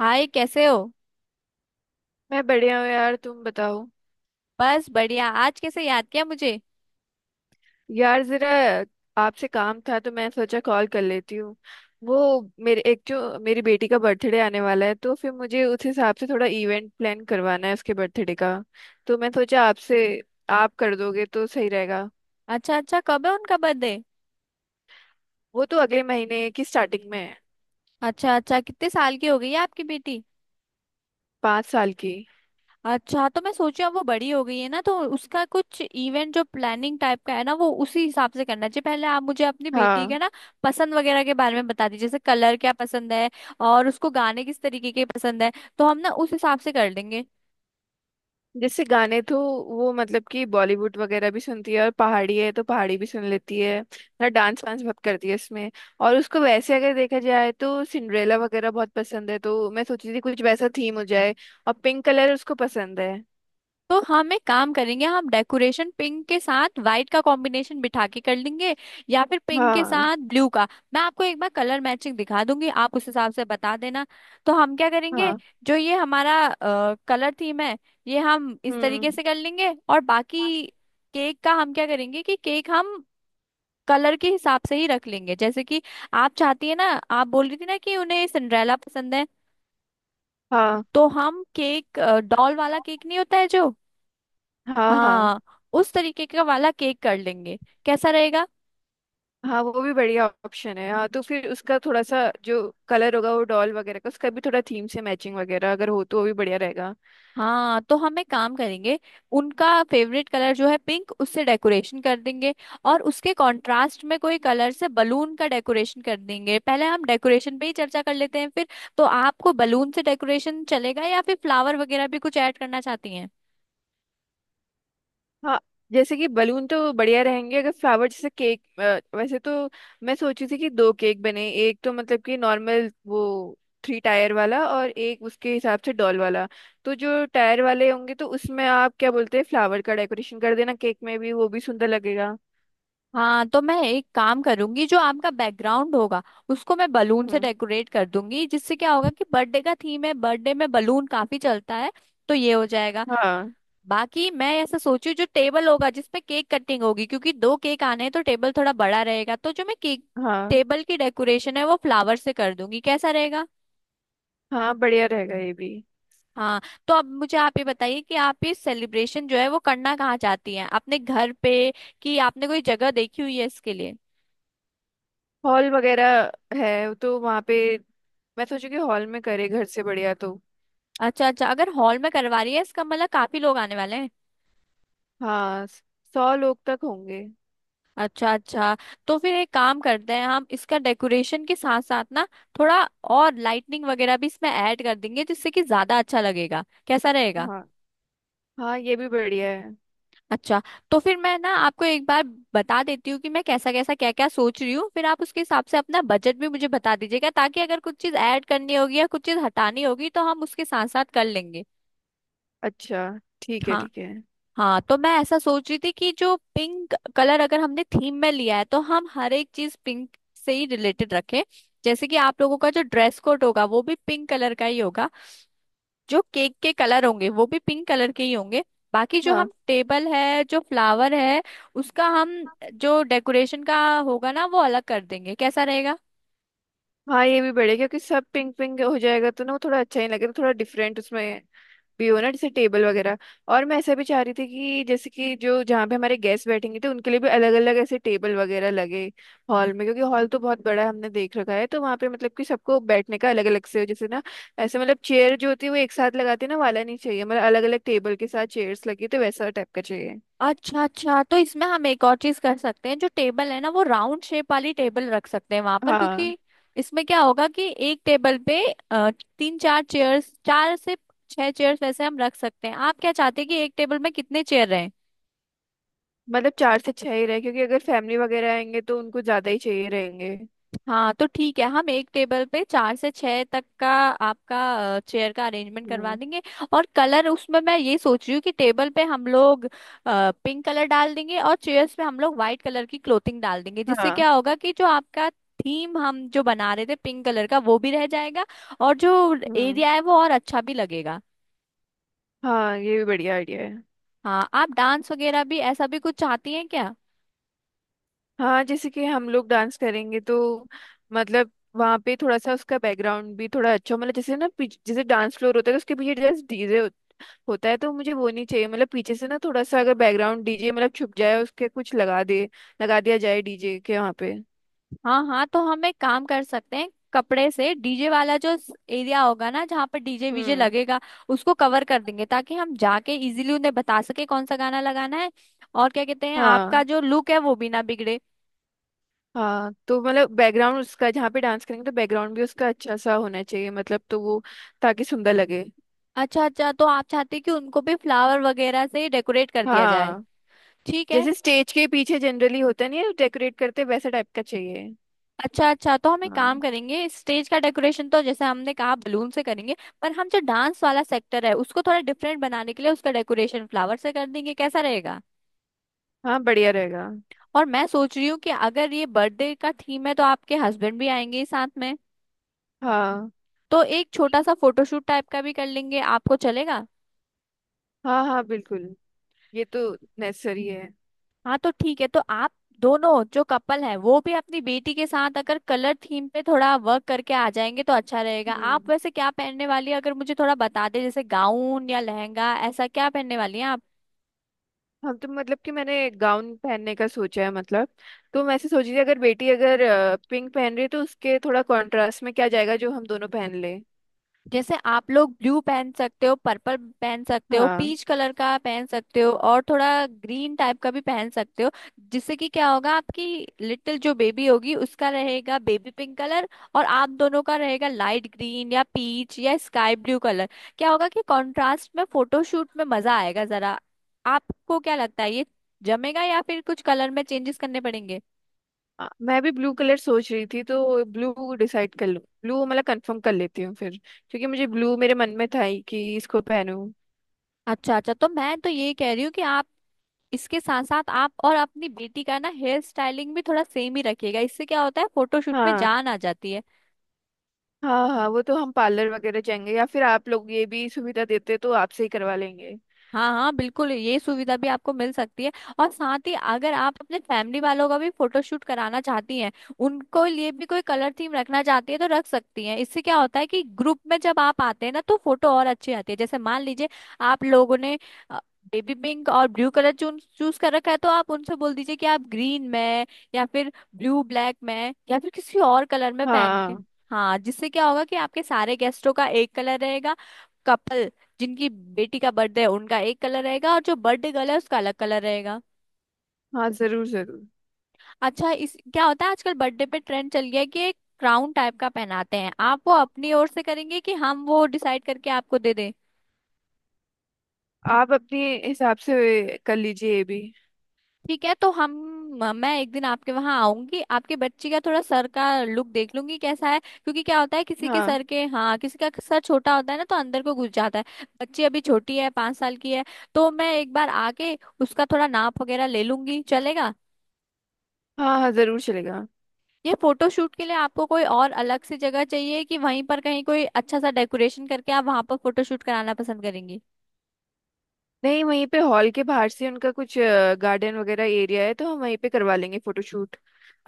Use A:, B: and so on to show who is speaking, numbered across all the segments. A: हाय, कैसे हो।
B: मैं बढ़िया हूँ यार, तुम बताओ।
A: बस बढ़िया। आज कैसे याद किया मुझे।
B: यार जरा आपसे काम था तो मैं सोचा कॉल कर लेती हूँ। वो मेरे एक जो मेरी बेटी का बर्थडे आने वाला है तो फिर मुझे उस हिसाब से थोड़ा इवेंट प्लान करवाना है उसके बर्थडे का। तो मैं सोचा आपसे आप कर दोगे तो सही रहेगा।
A: अच्छा अच्छा, कब है उनका बर्थडे।
B: वो तो अगले महीने की स्टार्टिंग में है।
A: अच्छा अच्छा, कितने साल की हो गई है आपकी बेटी।
B: 5 साल की।
A: अच्छा, तो मैं सोची अब वो बड़ी हो गई है ना, तो उसका कुछ इवेंट जो प्लानिंग टाइप का है ना, वो उसी हिसाब से करना चाहिए। पहले आप मुझे अपनी बेटी
B: हाँ।
A: के ना पसंद वगैरह के बारे में बता दीजिए, जैसे कलर क्या पसंद है और उसको गाने किस तरीके के पसंद है, तो हम ना उस हिसाब से कर लेंगे।
B: जैसे गाने तो वो मतलब कि बॉलीवुड वगैरह भी सुनती है और पहाड़ी है तो पहाड़ी भी सुन लेती है ना। डांस वांस बहुत करती है इसमें। और उसको वैसे अगर देखा जाए तो सिंड्रेला वगैरह बहुत पसंद है तो मैं सोची थी कुछ वैसा थीम हो जाए। और पिंक कलर उसको पसंद है।
A: तो हम एक काम करेंगे, हम डेकोरेशन पिंक के साथ व्हाइट का कॉम्बिनेशन बिठा के कर लेंगे या फिर पिंक के
B: हाँ।
A: साथ ब्लू का। मैं आपको एक बार कलर मैचिंग दिखा दूंगी, आप उस हिसाब से बता देना। तो हम क्या करेंगे,
B: हाँ।
A: जो ये हमारा कलर थीम है ये हम इस तरीके
B: हम्म।
A: से कर लेंगे। और बाकी केक का हम क्या करेंगे कि केक हम कलर के हिसाब से ही रख लेंगे। जैसे कि आप चाहती है ना, आप बोल रही थी ना कि उन्हें सिंड्रेला पसंद है,
B: हाँ
A: तो हम केक डॉल वाला केक नहीं होता है जो,
B: हाँ। हाँ।
A: हाँ, उस तरीके का वाला केक कर लेंगे। कैसा रहेगा।
B: हाँ, वो भी बढ़िया ऑप्शन है। हाँ तो फिर उसका थोड़ा सा जो कलर होगा वो डॉल वगैरह का उसका भी थोड़ा थीम से मैचिंग वगैरह अगर हो तो वो भी बढ़िया रहेगा।
A: हाँ तो हम एक काम करेंगे, उनका फेवरेट कलर जो है पिंक उससे डेकोरेशन कर देंगे और उसके कंट्रास्ट में कोई कलर से बलून का डेकोरेशन कर देंगे। पहले हम डेकोरेशन पे ही चर्चा कर लेते हैं फिर। तो आपको बलून से डेकोरेशन चलेगा या फिर फ्लावर वगैरह भी कुछ ऐड करना चाहती हैं।
B: हाँ जैसे कि बलून तो बढ़िया रहेंगे। अगर फ्लावर जैसे केक वैसे तो मैं सोची थी कि दो केक बने, एक तो मतलब कि नॉर्मल वो थ्री टायर वाला और एक उसके हिसाब से डॉल वाला। तो जो टायर वाले होंगे तो उसमें आप क्या बोलते हैं फ्लावर का डेकोरेशन कर देना केक में भी, वो भी सुंदर लगेगा।
A: हाँ तो मैं एक काम करूंगी, जो आपका बैकग्राउंड होगा उसको मैं बलून से
B: हम्म।
A: डेकोरेट कर दूंगी, जिससे क्या होगा कि बर्थडे का थीम है, बर्थडे में बलून काफी चलता है तो ये हो जाएगा।
B: हाँ।
A: बाकी मैं ऐसा सोची जो टेबल होगा जिसपे केक कटिंग होगी, क्योंकि दो केक आने हैं तो टेबल थोड़ा बड़ा रहेगा, तो जो मैं केक
B: हाँ।
A: टेबल की डेकोरेशन है वो फ्लावर से कर दूंगी। कैसा रहेगा।
B: हाँ बढ़िया रहेगा ये भी।
A: हाँ तो अब मुझे आप ये बताइए कि आप ये सेलिब्रेशन जो है वो करना कहाँ चाहती हैं, अपने घर पे कि आपने कोई जगह देखी हुई है इसके लिए।
B: हॉल वगैरह है तो वहाँ पे मैं सोचू कि हॉल में करे घर से बढ़िया तो।
A: अच्छा अच्छा, अगर हॉल में करवा रही है इसका मतलब काफी लोग आने वाले हैं।
B: हाँ 100 लोग तक होंगे।
A: अच्छा अच्छा। तो फिर एक काम करते हैं, हम इसका डेकोरेशन के साथ साथ ना थोड़ा और लाइटनिंग वगैरह भी इसमें ऐड कर देंगे जिससे कि ज्यादा अच्छा लगेगा। कैसा रहेगा।
B: हाँ। हाँ ये भी बढ़िया है।
A: अच्छा, तो फिर मैं ना आपको एक बार बता देती हूँ कि मैं कैसा कैसा क्या क्या सोच रही हूँ, फिर आप उसके हिसाब से अपना बजट भी मुझे बता दीजिएगा, ताकि अगर कुछ चीज ऐड करनी होगी या कुछ चीज हटानी होगी तो हम उसके साथ साथ कर लेंगे।
B: अच्छा ठीक है,
A: हाँ।
B: ठीक है।
A: हाँ तो मैं ऐसा सोच रही थी कि जो पिंक कलर अगर हमने थीम में लिया है तो हम हर एक चीज पिंक से ही रिलेटेड रखें, जैसे कि आप लोगों का जो ड्रेस कोड होगा वो भी पिंक कलर का ही होगा, जो केक के कलर होंगे वो भी पिंक कलर के ही होंगे। बाकी जो
B: हाँ।
A: हम टेबल है, जो फ्लावर है, उसका हम जो डेकोरेशन का होगा ना वो अलग कर देंगे। कैसा रहेगा।
B: हाँ ये भी बढ़िया क्योंकि सब पिंक पिंक हो जाएगा तो ना वो थोड़ा अच्छा ही लगेगा। थोड़ा डिफरेंट उसमें भी हो ना जैसे टेबल वगैरह। और मैं ऐसा भी चाह रही थी कि जैसे कि जो जहाँ पे हमारे गेस्ट बैठेंगे तो उनके लिए भी अलग अलग ऐसे टेबल वगैरह लगे हॉल में, क्योंकि हॉल तो बहुत बड़ा है, हमने देख रखा है तो वहाँ पे मतलब कि सबको बैठने का अलग अलग से हो जैसे ना। ऐसे मतलब चेयर जो होती है वो एक साथ लगाते हैं ना वाला नहीं चाहिए, मतलब अलग अलग टेबल के साथ चेयर्स लगी तो वैसा टाइप का चाहिए।
A: अच्छा अच्छा, तो इसमें हम एक और चीज कर सकते हैं, जो टेबल है ना वो राउंड शेप वाली टेबल रख सकते हैं वहां पर,
B: हाँ
A: क्योंकि इसमें क्या होगा कि एक टेबल पे तीन चार चेयर्स, चार से छह चेयर्स वैसे हम रख सकते हैं। आप क्या चाहते हैं कि एक टेबल में कितने चेयर रहे।
B: मतलब चार से छह ही रहे क्योंकि अगर फैमिली वगैरह आएंगे तो उनको ज्यादा ही चाहिए रहेंगे।
A: हाँ तो ठीक है, हम एक टेबल पे चार से छह तक का आपका चेयर का अरेंजमेंट करवा
B: हम्म।
A: देंगे। और कलर उसमें मैं ये सोच रही हूँ कि टेबल पे हम लोग पिंक कलर डाल देंगे और चेयर्स पे हम लोग व्हाइट कलर की क्लोथिंग डाल देंगे, जिससे
B: हाँ।
A: क्या होगा कि जो आपका थीम हम जो बना रहे थे पिंक कलर का वो भी रह जाएगा और जो
B: हम्म।
A: एरिया है वो और अच्छा भी लगेगा।
B: हाँ ये भी बढ़िया आइडिया है।
A: हाँ, आप डांस वगैरह भी ऐसा भी कुछ चाहती हैं क्या।
B: हाँ जैसे कि हम लोग डांस करेंगे तो मतलब वहाँ पे थोड़ा सा उसका बैकग्राउंड भी थोड़ा अच्छा हो। मतलब जैसे ना जैसे डांस फ्लोर होता है तो उसके पीछे जस्ट डीजे होता है तो मुझे वो नहीं चाहिए। मतलब पीछे से ना थोड़ा सा अगर बैकग्राउंड डीजे मतलब छुप जाए उसके कुछ लगा दे, लगा दिया जाए डीजे के वहाँ पे।
A: हाँ हाँ, तो हम एक काम कर सकते हैं, कपड़े से डीजे वाला जो एरिया होगा ना, जहाँ पर डीजे वीजे
B: हम्म।
A: लगेगा उसको कवर कर देंगे, ताकि हम जाके इजीली उन्हें बता सके कौन सा गाना लगाना है। और क्या कहते हैं, आपका
B: हाँ।
A: जो लुक है वो भी ना बिगड़े।
B: हाँ तो मतलब बैकग्राउंड उसका जहाँ पे डांस करेंगे तो बैकग्राउंड भी उसका अच्छा सा होना चाहिए मतलब, तो वो ताकि सुंदर लगे।
A: अच्छा अच्छा, तो आप चाहते हैं कि उनको भी फ्लावर वगैरह से डेकोरेट कर दिया जाए।
B: हाँ
A: ठीक है।
B: जैसे स्टेज के पीछे जनरली होता नहीं है डेकोरेट करते, वैसा टाइप का चाहिए।
A: अच्छा अच्छा, तो हम एक
B: हाँ।
A: काम करेंगे, स्टेज का डेकोरेशन तो जैसे हमने कहा बलून से करेंगे, पर हम जो डांस वाला सेक्टर है उसको थोड़ा डिफरेंट बनाने के लिए उसका डेकोरेशन फ्लावर से कर देंगे। कैसा रहेगा।
B: हाँ बढ़िया रहेगा।
A: और मैं सोच रही हूँ कि अगर ये बर्थडे का थीम है तो आपके हस्बैंड भी आएंगे ही साथ में,
B: हाँ।
A: तो एक छोटा सा फोटोशूट टाइप का भी कर लेंगे। आपको चलेगा।
B: हाँ हाँ बिल्कुल। ये तो नेसेसरी है।
A: हाँ तो ठीक है, तो आप दोनों जो कपल है वो भी अपनी बेटी के साथ अगर कलर थीम पे थोड़ा वर्क करके आ जाएंगे तो अच्छा रहेगा। आप
B: हम्म।
A: वैसे क्या पहनने वाली है, अगर मुझे थोड़ा बता दे, जैसे गाउन या लहंगा ऐसा क्या पहनने वाली है आप?
B: हम तो मतलब कि मैंने गाउन पहनने का सोचा है मतलब। तो मैं ऐसे सोच रही थी अगर बेटी अगर पिंक पहन रही है तो उसके थोड़ा कॉन्ट्रास्ट में क्या जाएगा जो हम दोनों पहन ले।
A: जैसे आप लोग ब्लू पहन सकते हो, पर्पल पहन सकते हो,
B: हाँ।
A: पीच कलर का पहन सकते हो और थोड़ा ग्रीन टाइप का भी पहन सकते हो, जिससे कि क्या होगा आपकी लिटिल जो बेबी होगी उसका रहेगा बेबी पिंक कलर और आप दोनों का रहेगा लाइट ग्रीन या पीच या स्काई ब्लू कलर। क्या होगा कि कॉन्ट्रास्ट में फोटोशूट में मजा आएगा जरा। आपको क्या लगता है ये जमेगा या फिर कुछ कलर में चेंजेस करने पड़ेंगे।
B: मैं भी ब्लू कलर सोच रही थी तो ब्लू डिसाइड कर लूँ, ब्लू मतलब कंफर्म कर लेती हूँ फिर, क्योंकि मुझे ब्लू मेरे मन में था ही कि इसको पहनूं।
A: अच्छा अच्छा, तो मैं तो ये कह रही हूँ कि आप इसके साथ साथ आप और अपनी बेटी का ना हेयर स्टाइलिंग भी थोड़ा सेम ही रखिएगा, इससे क्या होता है फोटोशूट में
B: हाँ।
A: जान आ जाती है।
B: हाँ हाँ, वो तो हम पार्लर वगैरह जाएंगे या फिर आप लोग ये भी सुविधा देते तो आपसे ही करवा लेंगे।
A: हाँ हाँ बिल्कुल, ये सुविधा भी आपको मिल सकती है। और साथ ही अगर आप अपने फैमिली वालों का भी फोटोशूट कराना चाहती हैं, उनको लिए भी कोई कलर थीम रखना चाहती है तो रख सकती हैं, इससे क्या होता है कि ग्रुप में जब आप आते हैं ना तो फोटो और अच्छी आती है। जैसे मान लीजिए आप लोगों ने बेबी पिंक और ब्लू कलर चूज चूज कर रखा है, तो आप उनसे बोल दीजिए कि आप ग्रीन में या फिर ब्लू ब्लैक में या फिर किसी और कलर में पहन के।
B: हाँ
A: हाँ, जिससे क्या होगा कि आपके सारे गेस्टों का एक कलर रहेगा, कपल जिनकी बेटी का बर्थडे है उनका एक कलर रहेगा और जो बर्थडे गर्ल है उसका अलग कलर रहेगा।
B: हाँ जरूर जरूर।
A: अच्छा, इस क्या होता है आजकल बर्थडे पे ट्रेंड चल गया है कि एक क्राउन टाइप का पहनाते हैं, आप वो अपनी ओर से करेंगे कि हम वो डिसाइड करके आपको दे दें।
B: आप अपने हिसाब से कर लीजिए ये भी।
A: ठीक है तो हम, मैं एक दिन आपके वहां आऊंगी, आपके बच्ची का थोड़ा सर का लुक देख लूंगी कैसा है, क्योंकि क्या होता है किसी के
B: हाँ।
A: सर के, हाँ किसी का सर छोटा होता है ना तो अंदर को घुस जाता है। बच्ची अभी छोटी है, 5 साल की है, तो मैं एक बार आके उसका थोड़ा नाप वगैरह ले लूंगी। चलेगा।
B: हाँ हाँ जरूर चलेगा।
A: ये फोटोशूट के लिए आपको कोई और अलग से जगह चाहिए कि वहीं पर कहीं कोई अच्छा सा डेकोरेशन करके आप वहां पर फोटोशूट कराना पसंद करेंगी।
B: नहीं वहीं पे हॉल के बाहर से उनका कुछ गार्डन वगैरह एरिया है तो हम वहीं पे करवा लेंगे फोटोशूट।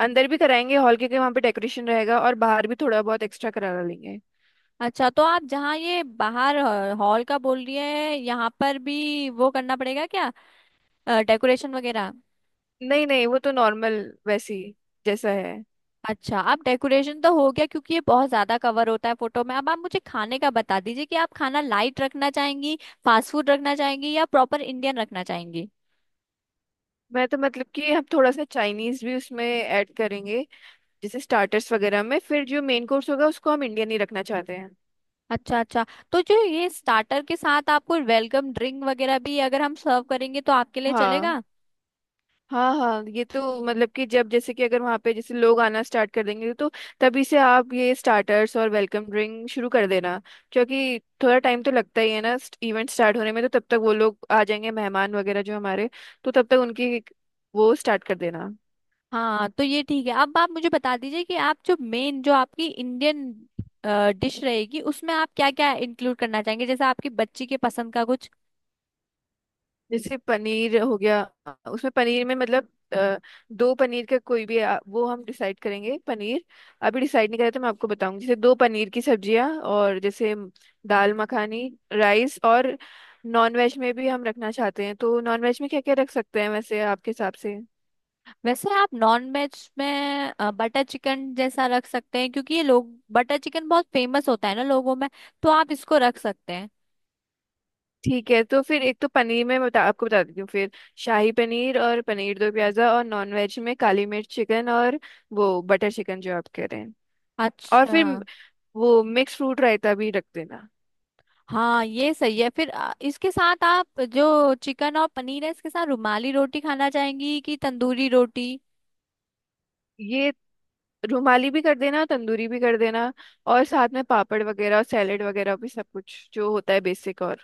B: अंदर भी कराएंगे हॉल के, वहाँ पे डेकोरेशन रहेगा और बाहर भी थोड़ा बहुत एक्स्ट्रा करा लेंगे।
A: अच्छा, तो आप जहाँ ये बाहर हॉल का बोल रही है, यहाँ पर भी वो करना पड़ेगा क्या, डेकोरेशन वगैरह।
B: नहीं नहीं वो तो नॉर्मल वैसी जैसा है।
A: अच्छा, अब डेकोरेशन तो हो गया, क्योंकि ये बहुत ज्यादा कवर होता है फोटो में। अब आप मुझे खाने का बता दीजिए कि आप खाना लाइट रखना चाहेंगी, फास्ट फूड रखना चाहेंगी या प्रॉपर इंडियन रखना चाहेंगी।
B: मैं तो मतलब कि हम थोड़ा सा चाइनीज भी उसमें ऐड करेंगे जैसे स्टार्टर्स वगैरह में, फिर जो मेन कोर्स होगा उसको हम इंडियन ही रखना चाहते हैं।
A: अच्छा अच्छा, तो जो ये स्टार्टर के साथ आपको वेलकम ड्रिंक वगैरह भी अगर हम सर्व करेंगे तो आपके लिए
B: हाँ।
A: चलेगा।
B: हाँ हाँ ये तो मतलब कि जब जैसे कि अगर वहाँ पे जैसे लोग आना स्टार्ट कर देंगे तो तभी से आप ये स्टार्टर्स और वेलकम ड्रिंक शुरू कर देना क्योंकि थोड़ा टाइम तो लगता ही है ना इवेंट स्टार्ट होने में, तो तब तक वो लोग आ जाएंगे मेहमान वगैरह जो हमारे, तो तब तक उनकी वो स्टार्ट कर देना।
A: हाँ तो ये ठीक है, अब आप मुझे बता दीजिए कि आप जो मेन जो आपकी इंडियन डिश रहेगी उसमें आप क्या क्या इंक्लूड करना चाहेंगे, जैसे आपकी बच्ची के पसंद का कुछ।
B: जैसे पनीर हो गया, उसमें पनीर में मतलब अ, दो पनीर का कोई भी वो हम डिसाइड करेंगे। पनीर अभी डिसाइड नहीं करा तो मैं आपको बताऊंगी, जैसे दो पनीर की सब्जियां और जैसे दाल मखानी राइस। और नॉन वेज में भी हम रखना चाहते हैं तो नॉन वेज में क्या क्या रख सकते हैं वैसे आपके हिसाब से।
A: वैसे आप नॉन वेज में बटर चिकन जैसा रख सकते हैं, क्योंकि ये लोग बटर चिकन बहुत फेमस होता है ना लोगों में, तो आप इसको रख सकते हैं।
B: ठीक है तो फिर एक तो पनीर में बता आपको बता देती हूँ फिर, शाही पनीर और पनीर दो प्याजा, और नॉन वेज में काली मिर्च चिकन और वो बटर चिकन जो आप कह रहे हैं। और
A: अच्छा।
B: फिर वो मिक्स फ्रूट रायता भी रख देना।
A: हाँ ये सही है। फिर इसके साथ आप जो चिकन और पनीर है, इसके साथ रुमाली रोटी खाना चाहेंगी कि तंदूरी रोटी।
B: ये रुमाली भी कर देना तंदूरी भी कर देना। और साथ में पापड़ वगैरह और सैलेड वगैरह भी सब कुछ जो होता है बेसिक और।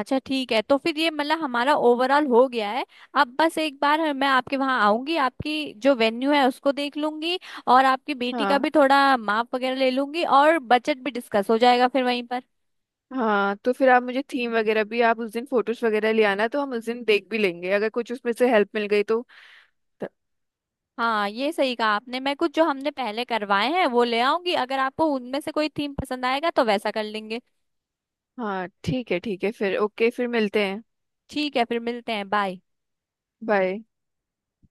A: अच्छा ठीक है, तो फिर ये मतलब हमारा ओवरऑल हो गया है। अब बस एक बार मैं आपके वहाँ आऊंगी, आपकी जो वेन्यू है उसको देख लूंगी और आपकी बेटी का
B: हाँ।
A: भी थोड़ा माप वगैरह ले लूंगी और बजट भी डिस्कस हो जाएगा फिर वहीं पर।
B: हाँ तो फिर आप मुझे थीम वगैरह भी आप उस दिन फोटोज वगैरह ले आना तो हम उस दिन देख भी लेंगे अगर कुछ उसमें से हेल्प मिल गई तो, तो।
A: हाँ ये सही कहा आपने, मैं कुछ जो हमने पहले करवाए हैं वो ले आऊंगी, अगर आपको उनमें से कोई थीम पसंद आएगा तो वैसा कर लेंगे।
B: हाँ ठीक है फिर, ओके फिर मिलते हैं।
A: ठीक है, फिर मिलते हैं। बाय।
B: बाय।